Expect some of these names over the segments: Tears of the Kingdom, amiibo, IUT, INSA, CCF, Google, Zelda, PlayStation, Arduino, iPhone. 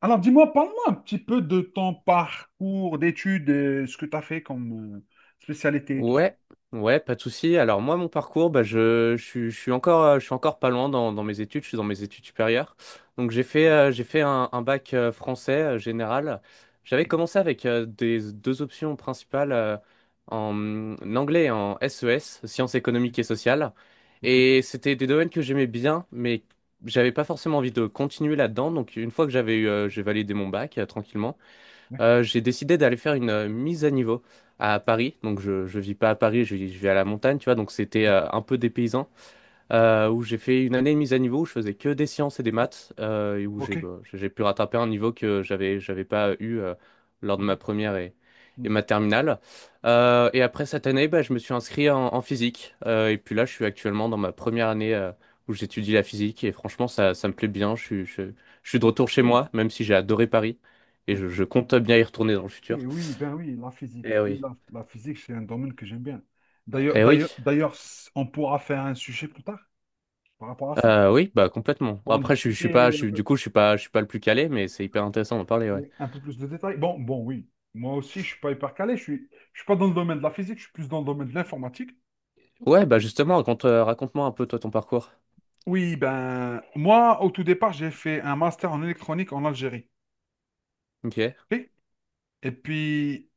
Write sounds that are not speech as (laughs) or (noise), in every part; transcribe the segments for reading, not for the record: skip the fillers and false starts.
Alors, dis-moi, parle-moi un petit peu de ton parcours d'études, ce que tu as fait comme spécialité et tout ça. Ouais, ouais, pas de souci. Alors moi, mon parcours, bah, je suis encore, je suis encore pas loin dans mes études. Je suis dans mes études supérieures. Donc j'ai fait, Ok. euh, j'ai fait un bac français général. J'avais commencé avec des deux options principales en anglais et en SES, sciences économiques et sociales. Ok, ok, ok, Et c'était des domaines que j'aimais bien, mais j'avais pas forcément envie de continuer là-dedans. Donc une fois que j'ai validé mon bac tranquillement. ouais, J'ai décidé d'aller faire une mise à niveau à Paris. Donc, je ne vis pas à Paris, je vis à la montagne, tu vois. Donc, c'était un peu dépaysant où j'ai fait une année de mise à niveau où je faisais que des sciences et des maths, et où ok, j'ai pu rattraper un niveau que j'avais pas eu lors ah de ma bon, première et hmm, ma terminale. Et après cette année, bah, je me suis inscrit en physique. Et puis là, je suis actuellement dans ma première année où j'étudie la physique, et franchement, ça me plaît bien. Je suis de retour ok, chez ouais, moi, même si j'ai adoré Paris, et ok. je compte bien y retourner dans le futur. Oui, ben oui, la physique, Eh oui, oui. la physique, c'est un domaine que j'aime bien. D'ailleurs, Eh oui. d'ailleurs, d'ailleurs, s- on pourra faire un sujet plus tard par rapport à ça. Oui, bah complètement. Pour en Après, je discuter suis pas, je un suis, du peu, coup, je suis pas le plus calé, mais c'est hyper intéressant d'en parler, ouais. oui, un peu plus de détails. Bon, oui, moi aussi, je suis pas hyper calé, je suis pas dans le domaine de la physique, je suis plus dans le domaine de l'informatique. Ouais, bah justement, raconte-moi un peu toi ton parcours. Oui, ben, moi, au tout départ, j'ai fait un master en électronique en Algérie. Ok, Ok. Et puis,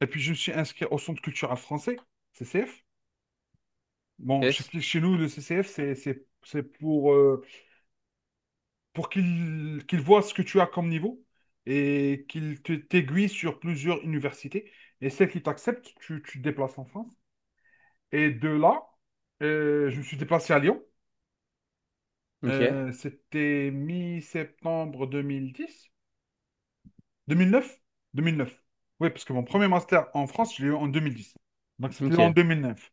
et puis, je me suis inscrit au Centre culturel français, CCF. Bon, je yes, t'explique, chez nous, le CCF, c'est pour qu'il voit ce que tu as comme niveau et qu'il t'aiguille sur plusieurs universités. Et celle qui t'accepte, tu te déplaces en France. Et de là, je me suis déplacé à Lyon. ok, C'était mi-septembre 2010. 2009? 2009. Oui, parce que mon premier master en France, je l'ai eu en 2010. Donc, c'était en ok. 2009.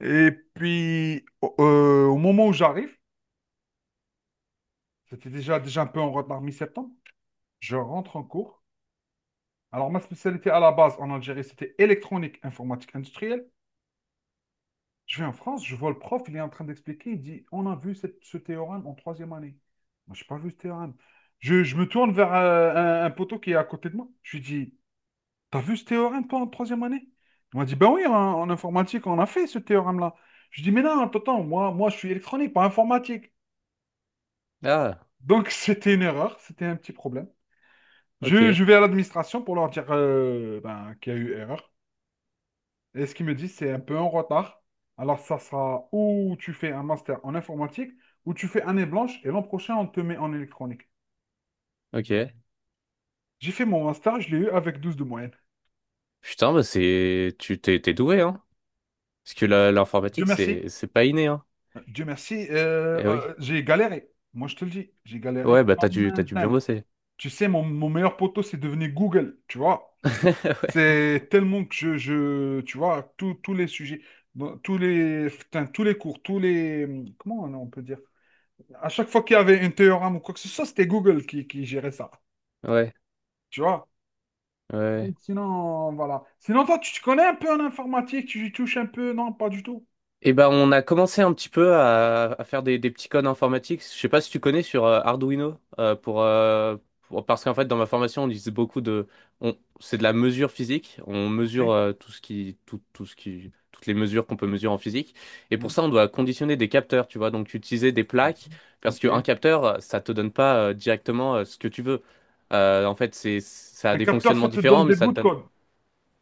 Et puis, au moment où j'arrive, c'était déjà un peu en retard mi-septembre. Je rentre en cours. Alors, ma spécialité à la base en Algérie, c'était électronique, informatique industrielle. Je vais en France, je vois le prof, il est en train d'expliquer, il dit, on a vu ce théorème en troisième année. Moi, je n'ai pas vu ce théorème. Je me tourne vers un poteau qui est à côté de moi. Je lui dis, t'as vu ce théorème, toi, en troisième année? Il m'a dit, ben oui, en informatique, on a fait ce théorème-là. Je dis, mais non, attends, attends, moi, moi, je suis électronique, pas informatique. Ah, Donc, (laughs) c'était une erreur, c'était un petit problème. Je, ok, je vais à l'administration pour leur dire ben, qu'il y a eu erreur. Et ce qu'ils me disent, c'est un peu en retard. Alors, ça sera ou tu fais un master en informatique, ou tu fais année blanche, et l'an prochain, on te met en électronique. ok. J'ai fait mon master, je l'ai eu avec 12 de moyenne. Putain, bah t'es doué, hein. Parce que Dieu l'informatique, merci. c'est pas inné, hein. Dieu merci, Eh oui. J'ai galéré. Moi, je te le dis, j'ai Ouais, galéré bah t'as comme dû, un t'as dû bien dingue. bosser. Tu sais, mon meilleur poteau, c'est devenu Google, tu vois. (laughs) Ouais, C'est tellement que je, tu vois, tous les sujets, tous les, putain, tous les cours, tous les, comment on peut dire? À chaque fois qu'il y avait un théorème ou quoi que ce soit, c'était Google qui gérait ça, ouais, tu vois. ouais. Donc, sinon, voilà. Sinon, toi, tu te connais un peu en informatique, tu y touches un peu? Non, pas du tout. Eh ben, on a commencé un petit peu à faire des petits codes informatiques. Je sais pas si tu connais sur Arduino, parce qu'en fait dans ma formation on disait beaucoup de, on, c'est de la mesure physique. On mesure OK. Tout ce qui, tout, tout ce qui, toutes les mesures qu'on peut mesurer en physique. Et pour Hmm. ça on doit conditionner des capteurs, tu vois. Donc utiliser des plaques parce qu'un OK. capteur ça te donne pas directement ce que tu veux. En fait ça a Un des capteur, fonctionnements ça te donne différents, mais des ça bouts te de donne code.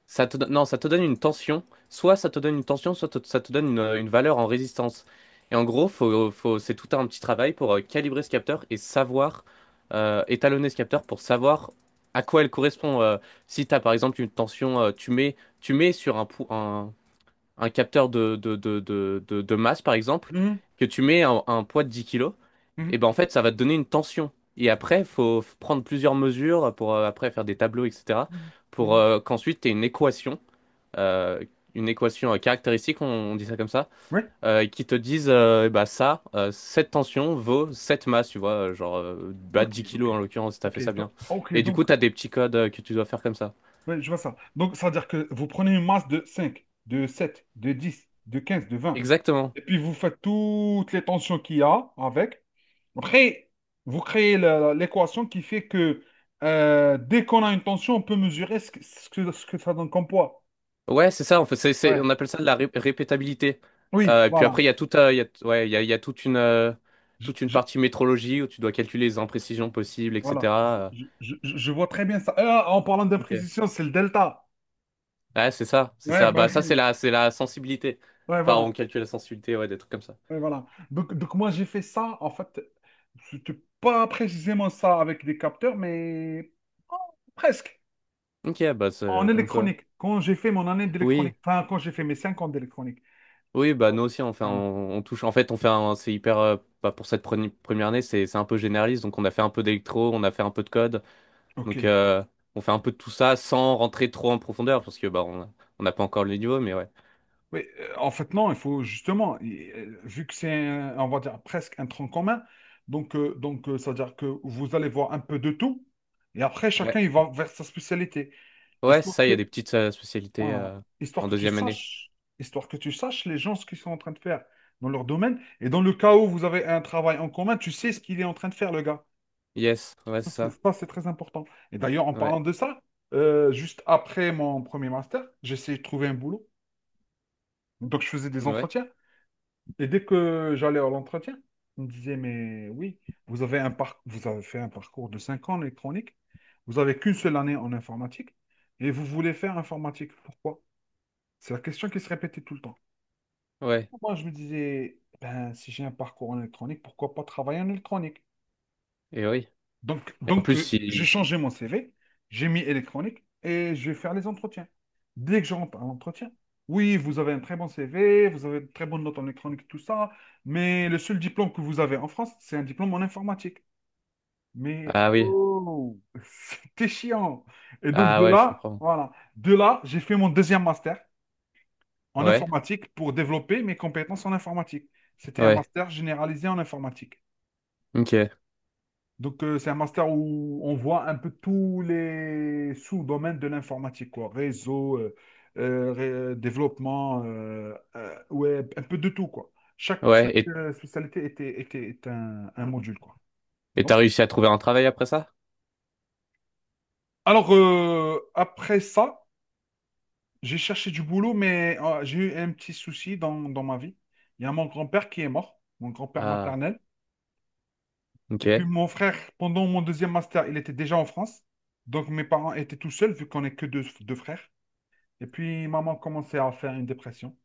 ça te, don- non, ça te donne une tension. Soit ça te donne une tension, soit ça te donne une valeur en résistance. Et en gros, c'est tout un petit travail pour calibrer ce capteur et savoir étalonner ce capteur pour savoir à quoi elle correspond. Si tu as par exemple une tension, tu mets sur un capteur de masse par exemple, Mhm. que tu mets un poids de 10 kilos, Mhm. et ben en fait ça va te donner une tension. Et après, faut prendre plusieurs mesures pour après faire des tableaux, etc. Mhm. pour Mhm. Qu'ensuite tu aies euh, une équation caractéristique, on dit ça comme ça, Oui, qui te disent eh bah ça, cette tension vaut cette masse, tu vois, genre bah, ok, 10 ok. kilos en l'occurrence, si t'as fait Ok, ça donc, bien. ok, Et du coup, donc, t'as des petits codes que tu dois faire comme ça. ouais, je vois ça. Donc, ça veut dire que vous prenez une masse de 5, de 7, de 10, de 15, de 20, Exactement. et puis vous faites toutes les tensions qu'il y a avec. Après, vous créez l'équation qui fait que dès qu'on a une tension, on peut mesurer ce que ça donne comme poids. Ouais, c'est ça, en fait, Ouais. on appelle ça de la répétabilité. Oui, Et puis voilà. après, il y a toute, il y a, ouais, il y a toute une, euh, Je, toute une je- partie métrologie où tu dois calculer les imprécisions possibles, voilà. etc. Je, euh. je- je- je vois très bien ça. Ah, en parlant Ok. d'imprécision, c'est le delta. Ouais, c'est ça, c'est Ouais, ça. bah Bah ça, c'est oui. la, c'est la sensibilité. Ouais, Enfin, voilà. on calcule la sensibilité, ouais, des trucs comme ça. Ouais, voilà. Donc moi, j'ai fait ça, en fait, c'était pas précisément ça avec des capteurs, mais oh, presque, Ok, bah en c'est comme quoi. électronique. Quand j'ai fait mon année Oui, d'électronique, enfin, quand j'ai fait mes 5 ans d'électronique. oui, bah Ah nous bon. aussi on fait, Voilà. on touche. En fait, c'est hyper. Bah, pour cette première année, c'est un peu généraliste. Donc on a fait un peu d'électro, on a fait un peu de code. Donc OK. On fait un peu de tout ça sans rentrer trop en profondeur parce que bah on n'a pas encore le niveau, mais ouais. Oui, en fait, non, il faut justement, vu que c'est, on va dire, presque un tronc commun, donc, ça veut dire que vous allez voir un peu de tout, et après, Ouais, chacun, il va vers sa spécialité. ouais, c'est Histoire ça. Il que, y a des petites spécialités Voilà. Histoire en que tu deuxième année. saches, histoire que tu saches les gens ce qu'ils sont en train de faire dans leur domaine. Et dans le cas où vous avez un travail en commun, tu sais ce qu'il est en train de faire, le gars. Yes, ouais, c'est ça. Ça, c'est très important. Et d'ailleurs, en Ouais, parlant de ça, juste après mon premier master, j'essayais de trouver un boulot. Donc, je faisais des ouais, entretiens. Et dès que j'allais à l'entretien, on me disait, mais oui, vous avez vous avez fait un parcours de 5 ans en électronique. Vous avez qu'une seule année en informatique. Et vous voulez faire informatique. Pourquoi? C'est la question qui se répétait tout le temps. ouais. Moi, je me disais, ben, si j'ai un parcours en électronique, pourquoi pas travailler en électronique? Et oui. Donc, Et en donc plus, euh, j'ai si. changé mon CV, j'ai mis électronique et je vais faire les entretiens. Dès que je rentre à l'entretien, oui, vous avez un très bon CV, vous avez de très bonnes notes en électronique, tout ça, mais le seul diplôme que vous avez en France, c'est un diplôme en informatique. Mais Ah oui. oh, (laughs) c'était chiant. Et donc, Ah de ouais, je là, comprends. voilà, de là, j'ai fait mon deuxième master en Ouais, informatique pour développer mes compétences en informatique. C'était un ouais. master généralisé en informatique. Ok. Donc, c'est un master où on voit un peu tous les sous-domaines de l'informatique, quoi. Réseau, développement, web, un peu de tout, quoi. Chaque, Ouais. chaque Et euh, spécialité est un module, quoi. Et et t'as donc, réussi à trouver un travail après ça? alors, après ça, j'ai cherché du boulot, mais j'ai eu un petit souci dans ma vie. Il y a mon grand-père qui est mort, mon grand-père Ah, maternel. Et ok. puis mon frère, pendant mon deuxième master, il était déjà en France. Donc mes parents étaient tout seuls, vu qu'on est que deux, deux frères. Et puis maman commençait à faire une dépression.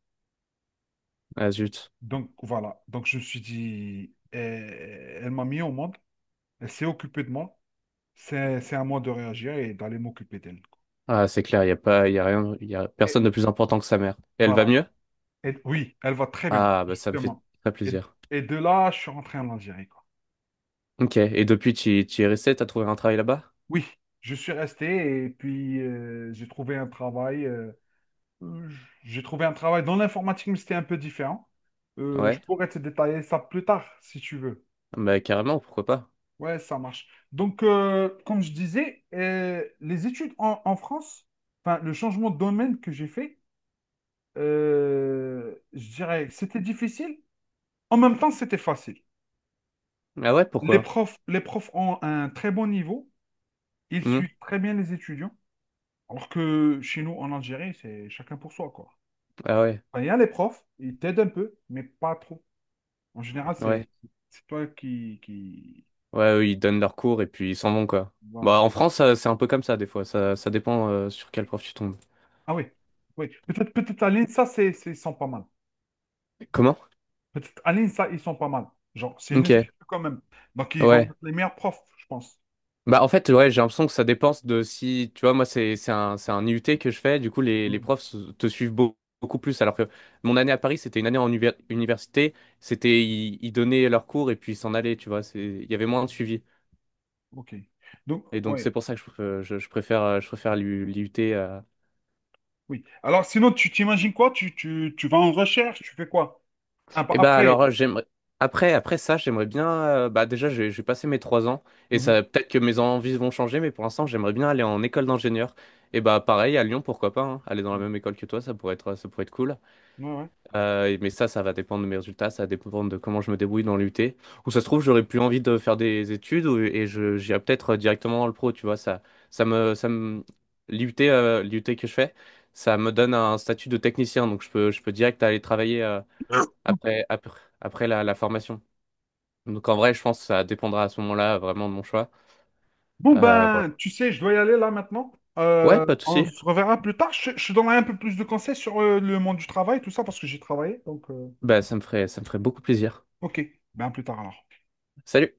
Ah, zut. Donc voilà. Donc je me suis dit, elle m'a mis au monde, elle s'est occupée de moi. C'est à moi de réagir et d'aller m'occuper d'elle. Ah, c'est clair, il y a pas, il y a rien, il y a Et personne de plus important que sa mère. Et elle va voilà. mieux? Et oui, elle va très bien, Ah, bah ça me fait justement. très Et, plaisir. et de là, je suis rentré en Algérie, quoi. Ok. Et depuis, tu es resté, t'as trouvé un travail là-bas? Oui, je suis resté et puis j'ai trouvé un travail. Euh, J'ai trouvé un travail dans l'informatique, mais c'était un peu différent. Je Ouais. pourrais te détailler ça plus tard, si tu veux. Bah carrément, pourquoi pas? Ouais, ça marche. Donc, comme je disais, les études en France, enfin, le changement de domaine que j'ai fait, je dirais que c'était difficile. En même temps, c'était facile. Ah ouais, Les pourquoi? profs, les profs ont un très bon niveau. Ils Hmm. suivent très bien les étudiants. Alors que chez nous, en Algérie, c'est chacun pour soi, quoi. Ah ouais, Enfin, il y a les profs, ils t'aident un peu, mais pas trop. En général, ouais. c'est toi qui... Ouais, eux, ils donnent leurs cours et puis ils s'en vont, quoi. Bah Voilà. en France, c'est un peu comme ça des fois. Ça dépend sur quel prof tu tombes. Ah oui, oui. Peut-être à l'INSA, ils sont pas mal. Comment? Peut-être à l'INSA, ils sont pas mal. Genre, c'est une Ok. institut quand même. Donc, ils vont Ouais. mettre les meilleurs profs, je pense. Bah en fait, ouais, j'ai l'impression que ça dépense de, si tu vois, moi c'est un IUT que je fais, du coup les Hmm, profs te suivent beaucoup plus, alors que mon année à Paris c'était une année en université. C'était, ils donnaient leurs cours et puis ils s'en allaient, tu vois, c'est il y avait moins de suivi. OK. Donc, Et donc c'est ouais, pour ça que je préfère l'IUT . oui. Alors, sinon, tu t'imagines quoi? Tu vas en recherche, tu fais quoi? Ah, bah, Et bah après. alors, j'aimerais après ça, j'aimerais bien, bah déjà j'ai passé mes 3 ans, et Mhm. ça peut-être que mes envies vont changer, mais pour l'instant j'aimerais bien aller en école d'ingénieur, et bah pareil à Lyon, pourquoi pas, hein. Aller dans la même école que toi, ça pourrait être cool. Ouais, ouais. Mais ça va dépendre de mes résultats, ça va dépendre de comment je me débrouille dans l'UT. Ou ça se trouve, j'aurais plus envie de faire des études et j'irai peut-être directement dans le pro, tu vois. Ça me, ça me, l'UT, l'UT que je fais, ça me donne un statut de technicien, donc je peux direct aller travailler, (coughs) après la formation. Donc en vrai, je pense que ça dépendra à ce moment-là vraiment de mon choix. Bon, Voilà. ben, tu sais, je dois y aller là maintenant. Ouais, pas de On souci. se reverra plus tard. Je te donnerai un peu plus de conseils sur le monde du travail, tout ça, parce que j'ai travaillé. Bah, ça me ferait beaucoup plaisir. Ok, ben à plus tard alors. Salut!